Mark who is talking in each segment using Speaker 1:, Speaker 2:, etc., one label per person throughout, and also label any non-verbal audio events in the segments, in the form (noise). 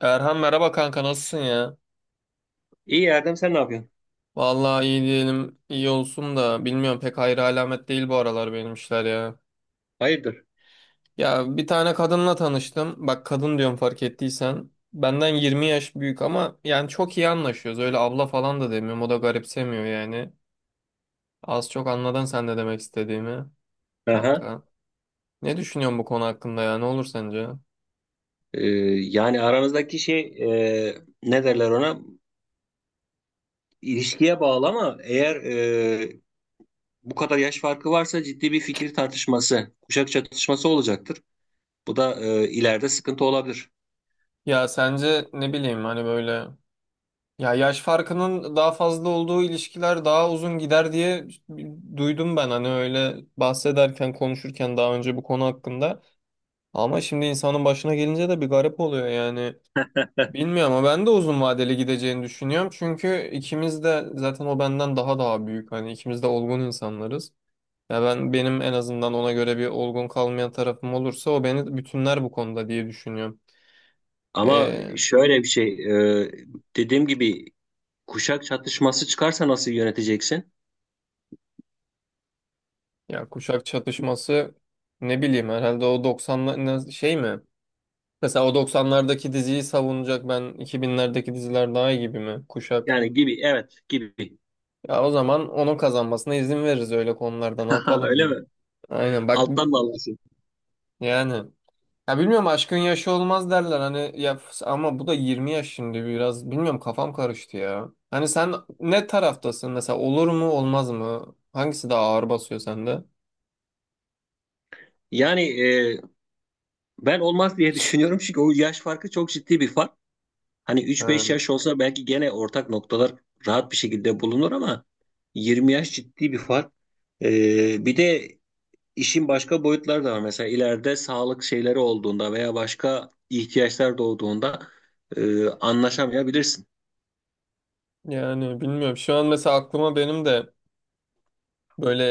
Speaker 1: Erhan merhaba kanka nasılsın ya?
Speaker 2: İyi Erdem, sen ne yapıyorsun?
Speaker 1: Vallahi iyi diyelim iyi olsun da bilmiyorum pek hayra alamet değil bu aralar benim işler ya.
Speaker 2: Hayırdır?
Speaker 1: Ya bir tane kadınla tanıştım. Bak kadın diyorum fark ettiysen. Benden 20 yaş büyük ama yani çok iyi anlaşıyoruz. Öyle abla falan da demiyorum. O da garipsemiyor yani. Az çok anladın sen de demek istediğimi
Speaker 2: Aha.
Speaker 1: kanka. Ne düşünüyorsun bu konu hakkında ya? Ne olur sence?
Speaker 2: Ee, yani aranızdaki şey e, ne derler ona? İlişkiye bağlı ama eğer bu kadar yaş farkı varsa ciddi bir fikir tartışması, kuşak çatışması olacaktır. Bu da ileride sıkıntı olabilir.
Speaker 1: Ya sence ne bileyim hani böyle, ya yaş farkının daha fazla olduğu ilişkiler daha uzun gider diye duydum ben hani öyle bahsederken konuşurken daha önce bu konu hakkında. Ama şimdi insanın başına gelince de bir garip oluyor yani. Bilmiyorum ama ben de uzun vadeli gideceğini düşünüyorum. Çünkü ikimiz de zaten o benden daha büyük. Hani ikimiz de olgun insanlarız. Ya ben benim en azından ona göre bir olgun kalmayan tarafım olursa o beni bütünler bu konuda diye düşünüyorum.
Speaker 2: Ama
Speaker 1: Ee,
Speaker 2: şöyle bir şey, e, dediğim gibi kuşak çatışması çıkarsa nasıl yöneteceksin?
Speaker 1: Ya kuşak çatışması ne bileyim herhalde o 90'lar şey mi? Mesela o doksanlardaki diziyi savunacak ben 2000'lerdeki diziler daha iyi gibi mi? Kuşak.
Speaker 2: Yani gibi, evet gibi.
Speaker 1: Ya o zaman onun kazanmasına izin veririz öyle konularda ne
Speaker 2: (laughs) Öyle mi?
Speaker 1: yapalım? Aynen bak
Speaker 2: Alttan da alırsın.
Speaker 1: yani. Ya bilmiyorum aşkın yaşı olmaz derler hani ya ama bu da 20 yaş şimdi biraz bilmiyorum kafam karıştı ya. Hani sen ne taraftasın mesela olur mu olmaz mı? Hangisi daha ağır basıyor sende?
Speaker 2: Yani ben olmaz diye düşünüyorum çünkü o yaş farkı çok ciddi bir fark. Hani üç
Speaker 1: Ha.
Speaker 2: beş yaş olsa belki gene ortak noktalar rahat bir şekilde bulunur ama 20 yaş ciddi bir fark. Bir de işin başka boyutları da var. Mesela ileride sağlık şeyleri olduğunda veya başka ihtiyaçlar doğduğunda anlaşamayabilirsin.
Speaker 1: Yani bilmiyorum şu an mesela aklıma benim de böyle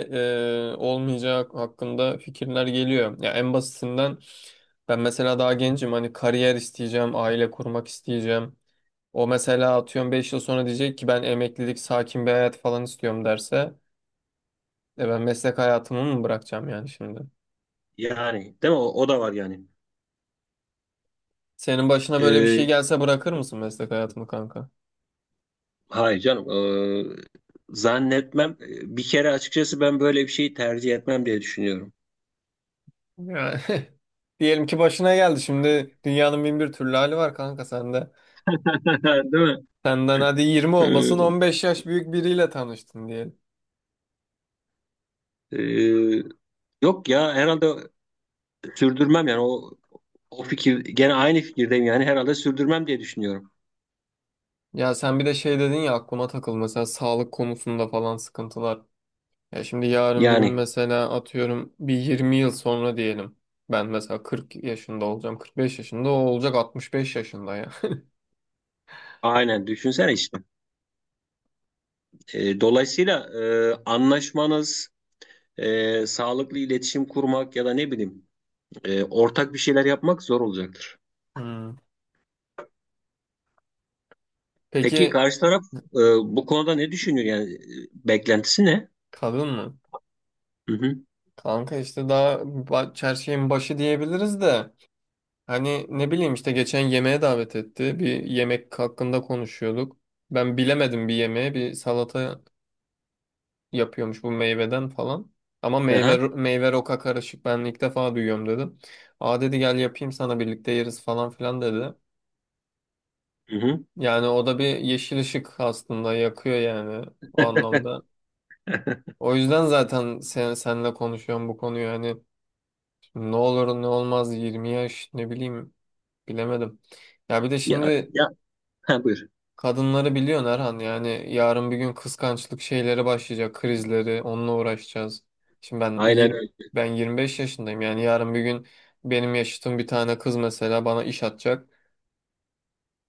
Speaker 1: olmayacağı hakkında fikirler geliyor. Ya en basitinden ben mesela daha gencim hani kariyer isteyeceğim, aile kurmak isteyeceğim. O mesela atıyorum 5 yıl sonra diyecek ki ben emeklilik, sakin bir hayat falan istiyorum derse ben meslek hayatımı mı bırakacağım yani şimdi?
Speaker 2: Yani değil mi? O da var yani.
Speaker 1: Senin başına böyle bir şey
Speaker 2: E,
Speaker 1: gelse bırakır mısın meslek hayatımı kanka?
Speaker 2: hayır canım. Zannetmem. Bir kere açıkçası ben böyle bir şeyi tercih etmem diye düşünüyorum.
Speaker 1: Yani (laughs) diyelim ki başına geldi şimdi dünyanın bin bir türlü hali var kanka sende.
Speaker 2: (laughs) Değil mi?
Speaker 1: Senden hadi 20 olmasın
Speaker 2: Eee,
Speaker 1: 15 yaş büyük biriyle tanıştın diyelim.
Speaker 2: eee, Yok ya, herhalde sürdürmem yani o fikir, gene aynı fikirdeyim yani herhalde sürdürmem diye düşünüyorum.
Speaker 1: Ya sen bir de şey dedin ya aklıma takıldı mesela sağlık konusunda falan sıkıntılar. Ya şimdi yarın bir gün
Speaker 2: Yani
Speaker 1: mesela atıyorum bir 20 yıl sonra diyelim. Ben mesela 40 yaşında olacağım, 45 yaşında o olacak 65 yaşında ya. (laughs)
Speaker 2: aynen düşünsene işte. Dolayısıyla anlaşmanız, sağlıklı iletişim kurmak ya da ne bileyim ortak bir şeyler yapmak zor olacaktır.
Speaker 1: Hmm.
Speaker 2: Peki
Speaker 1: Peki
Speaker 2: karşı taraf bu konuda ne düşünüyor yani? Beklentisi ne?
Speaker 1: kadın mı?
Speaker 2: Hı hı.
Speaker 1: Kanka işte her şeyin başı diyebiliriz de hani ne bileyim işte geçen yemeğe davet etti. Bir yemek hakkında konuşuyorduk. Ben bilemedim bir yemeğe bir salata yapıyormuş bu meyveden falan. Ama meyve
Speaker 2: Aha.
Speaker 1: meyve roka karışık ben ilk defa duyuyorum dedim. Aa dedi gel yapayım sana birlikte yeriz falan filan dedi.
Speaker 2: Hı hı.
Speaker 1: Yani o da bir yeşil ışık aslında yakıyor yani o anlamda.
Speaker 2: (laughs)
Speaker 1: O yüzden zaten senle konuşuyorum bu konuyu hani ne olur ne olmaz 20 yaş ne bileyim bilemedim. Ya bir de
Speaker 2: Ya
Speaker 1: şimdi
Speaker 2: ya, ha, buyur.
Speaker 1: kadınları biliyorsun Erhan yani yarın bir gün kıskançlık şeyleri başlayacak krizleri onunla uğraşacağız. Şimdi
Speaker 2: Aynen öyle.
Speaker 1: ben 25 yaşındayım yani yarın bir gün benim yaşıtım bir tane kız mesela bana iş atacak.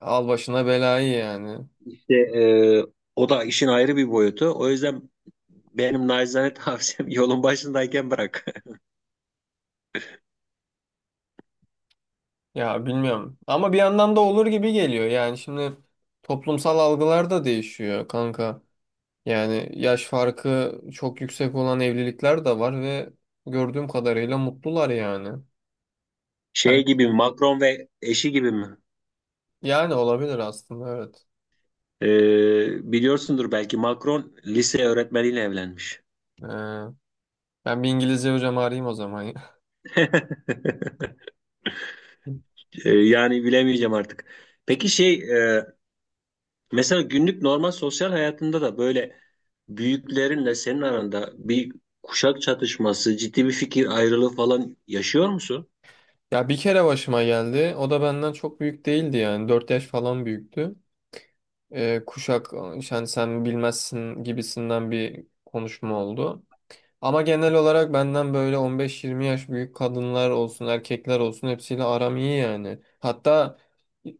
Speaker 1: Al başına belayı yani.
Speaker 2: İşte o da işin ayrı bir boyutu. O yüzden benim naçizane tavsiyem (laughs) yolun başındayken bırak. (laughs)
Speaker 1: Ya bilmiyorum ama bir yandan da olur gibi geliyor yani şimdi toplumsal algılar da değişiyor kanka. Yani yaş farkı çok yüksek olan evlilikler de var ve gördüğüm kadarıyla mutlular yani.
Speaker 2: Şey
Speaker 1: Hani-
Speaker 2: gibi mi, Macron ve eşi gibi mi?
Speaker 1: Yani olabilir aslında evet.
Speaker 2: E, biliyorsundur belki Macron lise öğretmeniyle evlenmiş.
Speaker 1: Ee, ben bir İngilizce hocam arayayım o zaman ya.
Speaker 2: (laughs)
Speaker 1: (laughs)
Speaker 2: E, yani bilemeyeceğim artık. Peki şey, mesela günlük normal sosyal hayatında da böyle büyüklerinle senin aranda bir kuşak çatışması, ciddi bir fikir ayrılığı falan yaşıyor musun?
Speaker 1: Ya bir kere başıma geldi. O da benden çok büyük değildi yani. 4 yaş falan büyüktü. Kuşak yani sen bilmezsin gibisinden bir konuşma oldu. Ama genel olarak benden böyle 15-20 yaş büyük kadınlar olsun, erkekler olsun hepsiyle aram iyi yani. Hatta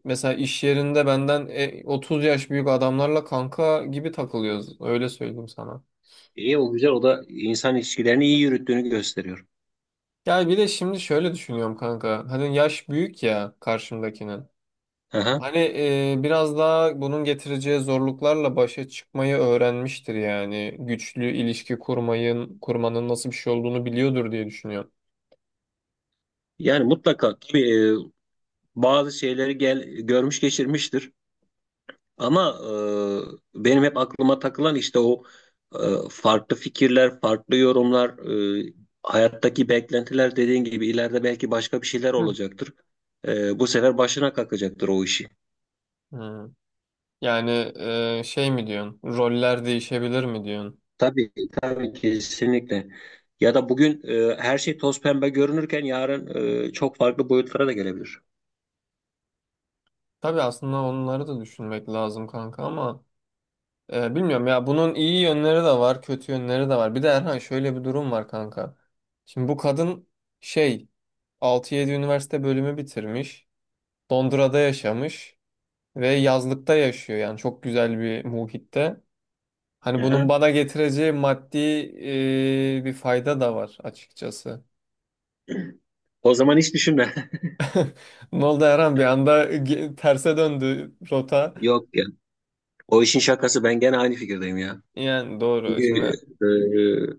Speaker 1: mesela iş yerinde benden 30 yaş büyük adamlarla kanka gibi takılıyoruz. Öyle söyleyeyim sana.
Speaker 2: İyi, o güzel, o da insan ilişkilerini iyi yürüttüğünü gösteriyor.
Speaker 1: Ya bir de şimdi şöyle düşünüyorum kanka. Hani yaş büyük ya karşımdakinin.
Speaker 2: Aha.
Speaker 1: Hani biraz daha bunun getireceği zorluklarla başa çıkmayı öğrenmiştir yani. Güçlü ilişki kurmayın, kurmanın nasıl bir şey olduğunu biliyordur diye düşünüyorum.
Speaker 2: Yani mutlaka tabii bazı şeyleri gel, görmüş geçirmiştir. Ama benim hep aklıma takılan işte o e, farklı fikirler, farklı yorumlar, e, hayattaki beklentiler dediğin gibi ileride belki başka bir şeyler
Speaker 1: Hı.
Speaker 2: olacaktır. Bu sefer başına kalkacaktır o işi.
Speaker 1: Hmm. Yani şey mi diyorsun? Roller değişebilir mi diyorsun?
Speaker 2: Tabii, tabii, kesinlikle. Ya da bugün her şey toz pembe görünürken yarın çok farklı boyutlara da gelebilir.
Speaker 1: Tabii aslında onları da düşünmek lazım kanka ama bilmiyorum ya bunun iyi yönleri de var, kötü yönleri de var. Bir de Erhan şöyle bir durum var kanka. Şimdi bu kadın şey 6-7 üniversite bölümü bitirmiş. Londra'da yaşamış ve yazlıkta yaşıyor. Yani çok güzel bir muhitte. Hani bunun
Speaker 2: Aha.
Speaker 1: bana getireceği maddi bir fayda da var açıkçası.
Speaker 2: (clears throat) O zaman hiç düşünme.
Speaker 1: Ne oldu Erhan? Bir anda terse döndü rota.
Speaker 2: (laughs) Yok ya. O işin şakası, ben gene aynı fikirdeyim ya.
Speaker 1: Yani doğru.
Speaker 2: Çünkü
Speaker 1: Şimdi,
Speaker 2: e,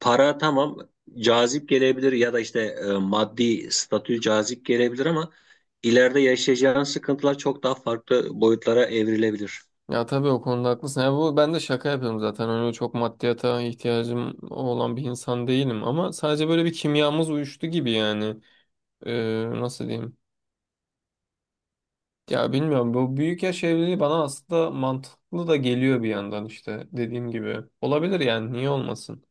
Speaker 2: para tamam, cazip gelebilir ya da işte maddi statü cazip gelebilir ama ileride yaşayacağın sıkıntılar çok daha farklı boyutlara evrilebilir.
Speaker 1: ya tabii o konuda haklısın. Ya bu ben de şaka yapıyorum zaten. Öyle çok maddiyata ihtiyacım olan bir insan değilim ama sadece böyle bir kimyamız uyuştu gibi yani. Nasıl diyeyim? Ya bilmiyorum bu büyük yaş evliliği bana aslında mantıklı da geliyor bir yandan işte dediğim gibi. Olabilir yani niye olmasın?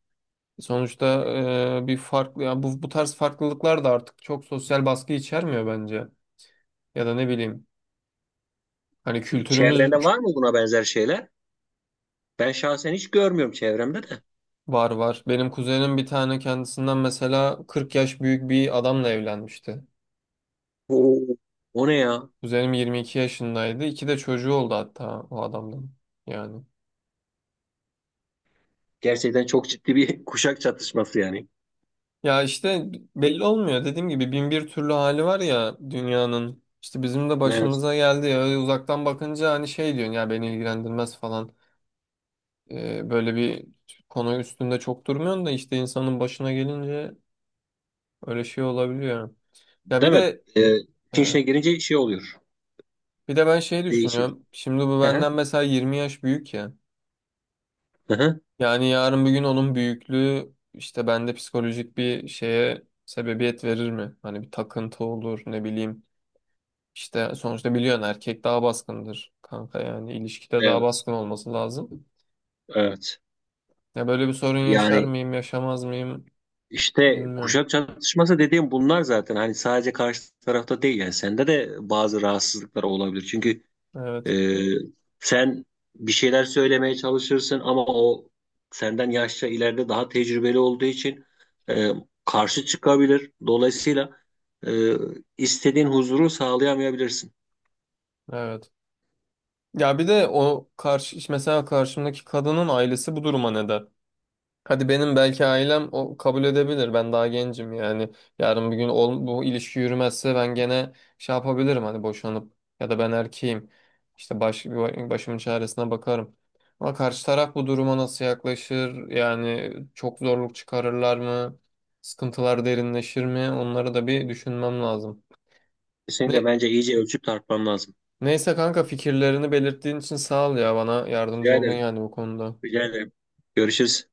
Speaker 1: Sonuçta bir farklı ya bu tarz farklılıklar da artık çok sosyal baskı içermiyor bence. Ya da ne bileyim hani kültürümüz
Speaker 2: Çevrende var mı buna benzer şeyler? Ben şahsen hiç görmüyorum çevremde de.
Speaker 1: var, var. Benim kuzenim bir tane kendisinden mesela 40 yaş büyük bir adamla evlenmişti.
Speaker 2: Oo, o ne ya?
Speaker 1: Kuzenim 22 yaşındaydı. İki de çocuğu oldu hatta o adamdan. Yani.
Speaker 2: Gerçekten çok ciddi bir (laughs) kuşak çatışması yani.
Speaker 1: Ya işte belli olmuyor. Dediğim gibi bin bir türlü hali var ya dünyanın. İşte bizim de
Speaker 2: Evet.
Speaker 1: başımıza geldi ya. Öyle uzaktan bakınca hani şey diyorsun ya beni ilgilendirmez falan. Böyle bir konu üstünde çok durmuyorsun da işte insanın başına gelince öyle şey olabiliyor. Ya bir
Speaker 2: Değil mi?
Speaker 1: de
Speaker 2: E,
Speaker 1: e,
Speaker 2: işin içine girince şey oluyor.
Speaker 1: bir de ben şey
Speaker 2: Değişir.
Speaker 1: düşünüyorum. Şimdi bu
Speaker 2: Hı hı,
Speaker 1: benden mesela 20 yaş büyük ya.
Speaker 2: hı hı.
Speaker 1: Yani yarın bir gün onun büyüklüğü işte bende psikolojik bir şeye sebebiyet verir mi? Hani bir takıntı olur ne bileyim. İşte sonuçta biliyorsun erkek daha baskındır kanka yani ilişkide daha
Speaker 2: Evet.
Speaker 1: baskın olması lazım.
Speaker 2: Evet.
Speaker 1: Ya böyle bir sorun yaşar
Speaker 2: Yani
Speaker 1: mıyım, yaşamaz mıyım
Speaker 2: İşte
Speaker 1: bilmiyorum.
Speaker 2: kuşak çatışması dediğim bunlar zaten, hani sadece karşı tarafta değil yani sende de bazı rahatsızlıklar olabilir. Çünkü
Speaker 1: Evet,
Speaker 2: e, sen bir şeyler söylemeye çalışırsın ama o senden yaşça ileride, daha tecrübeli olduğu için e, karşı çıkabilir. Dolayısıyla e, istediğin huzuru sağlayamayabilirsin.
Speaker 1: evet. Ya bir de o karşı mesela karşımdaki kadının ailesi bu duruma ne der? Hadi benim belki ailem o kabul edebilir. Ben daha gencim yani. Yarın bir gün bu ilişki yürümezse ben gene şey yapabilirim hani boşanıp ya da ben erkeğim. İşte başımın çaresine bakarım. Ama karşı taraf bu duruma nasıl yaklaşır? Yani çok zorluk çıkarırlar mı? Sıkıntılar derinleşir mi? Onları da bir düşünmem lazım.
Speaker 2: Kesinlikle,
Speaker 1: Ne,
Speaker 2: bence iyice ölçüp tartman lazım.
Speaker 1: neyse kanka fikirlerini belirttiğin için sağ ol ya bana yardımcı
Speaker 2: Rica
Speaker 1: oldun
Speaker 2: ederim.
Speaker 1: yani bu konuda.
Speaker 2: Rica ederim. Görüşürüz.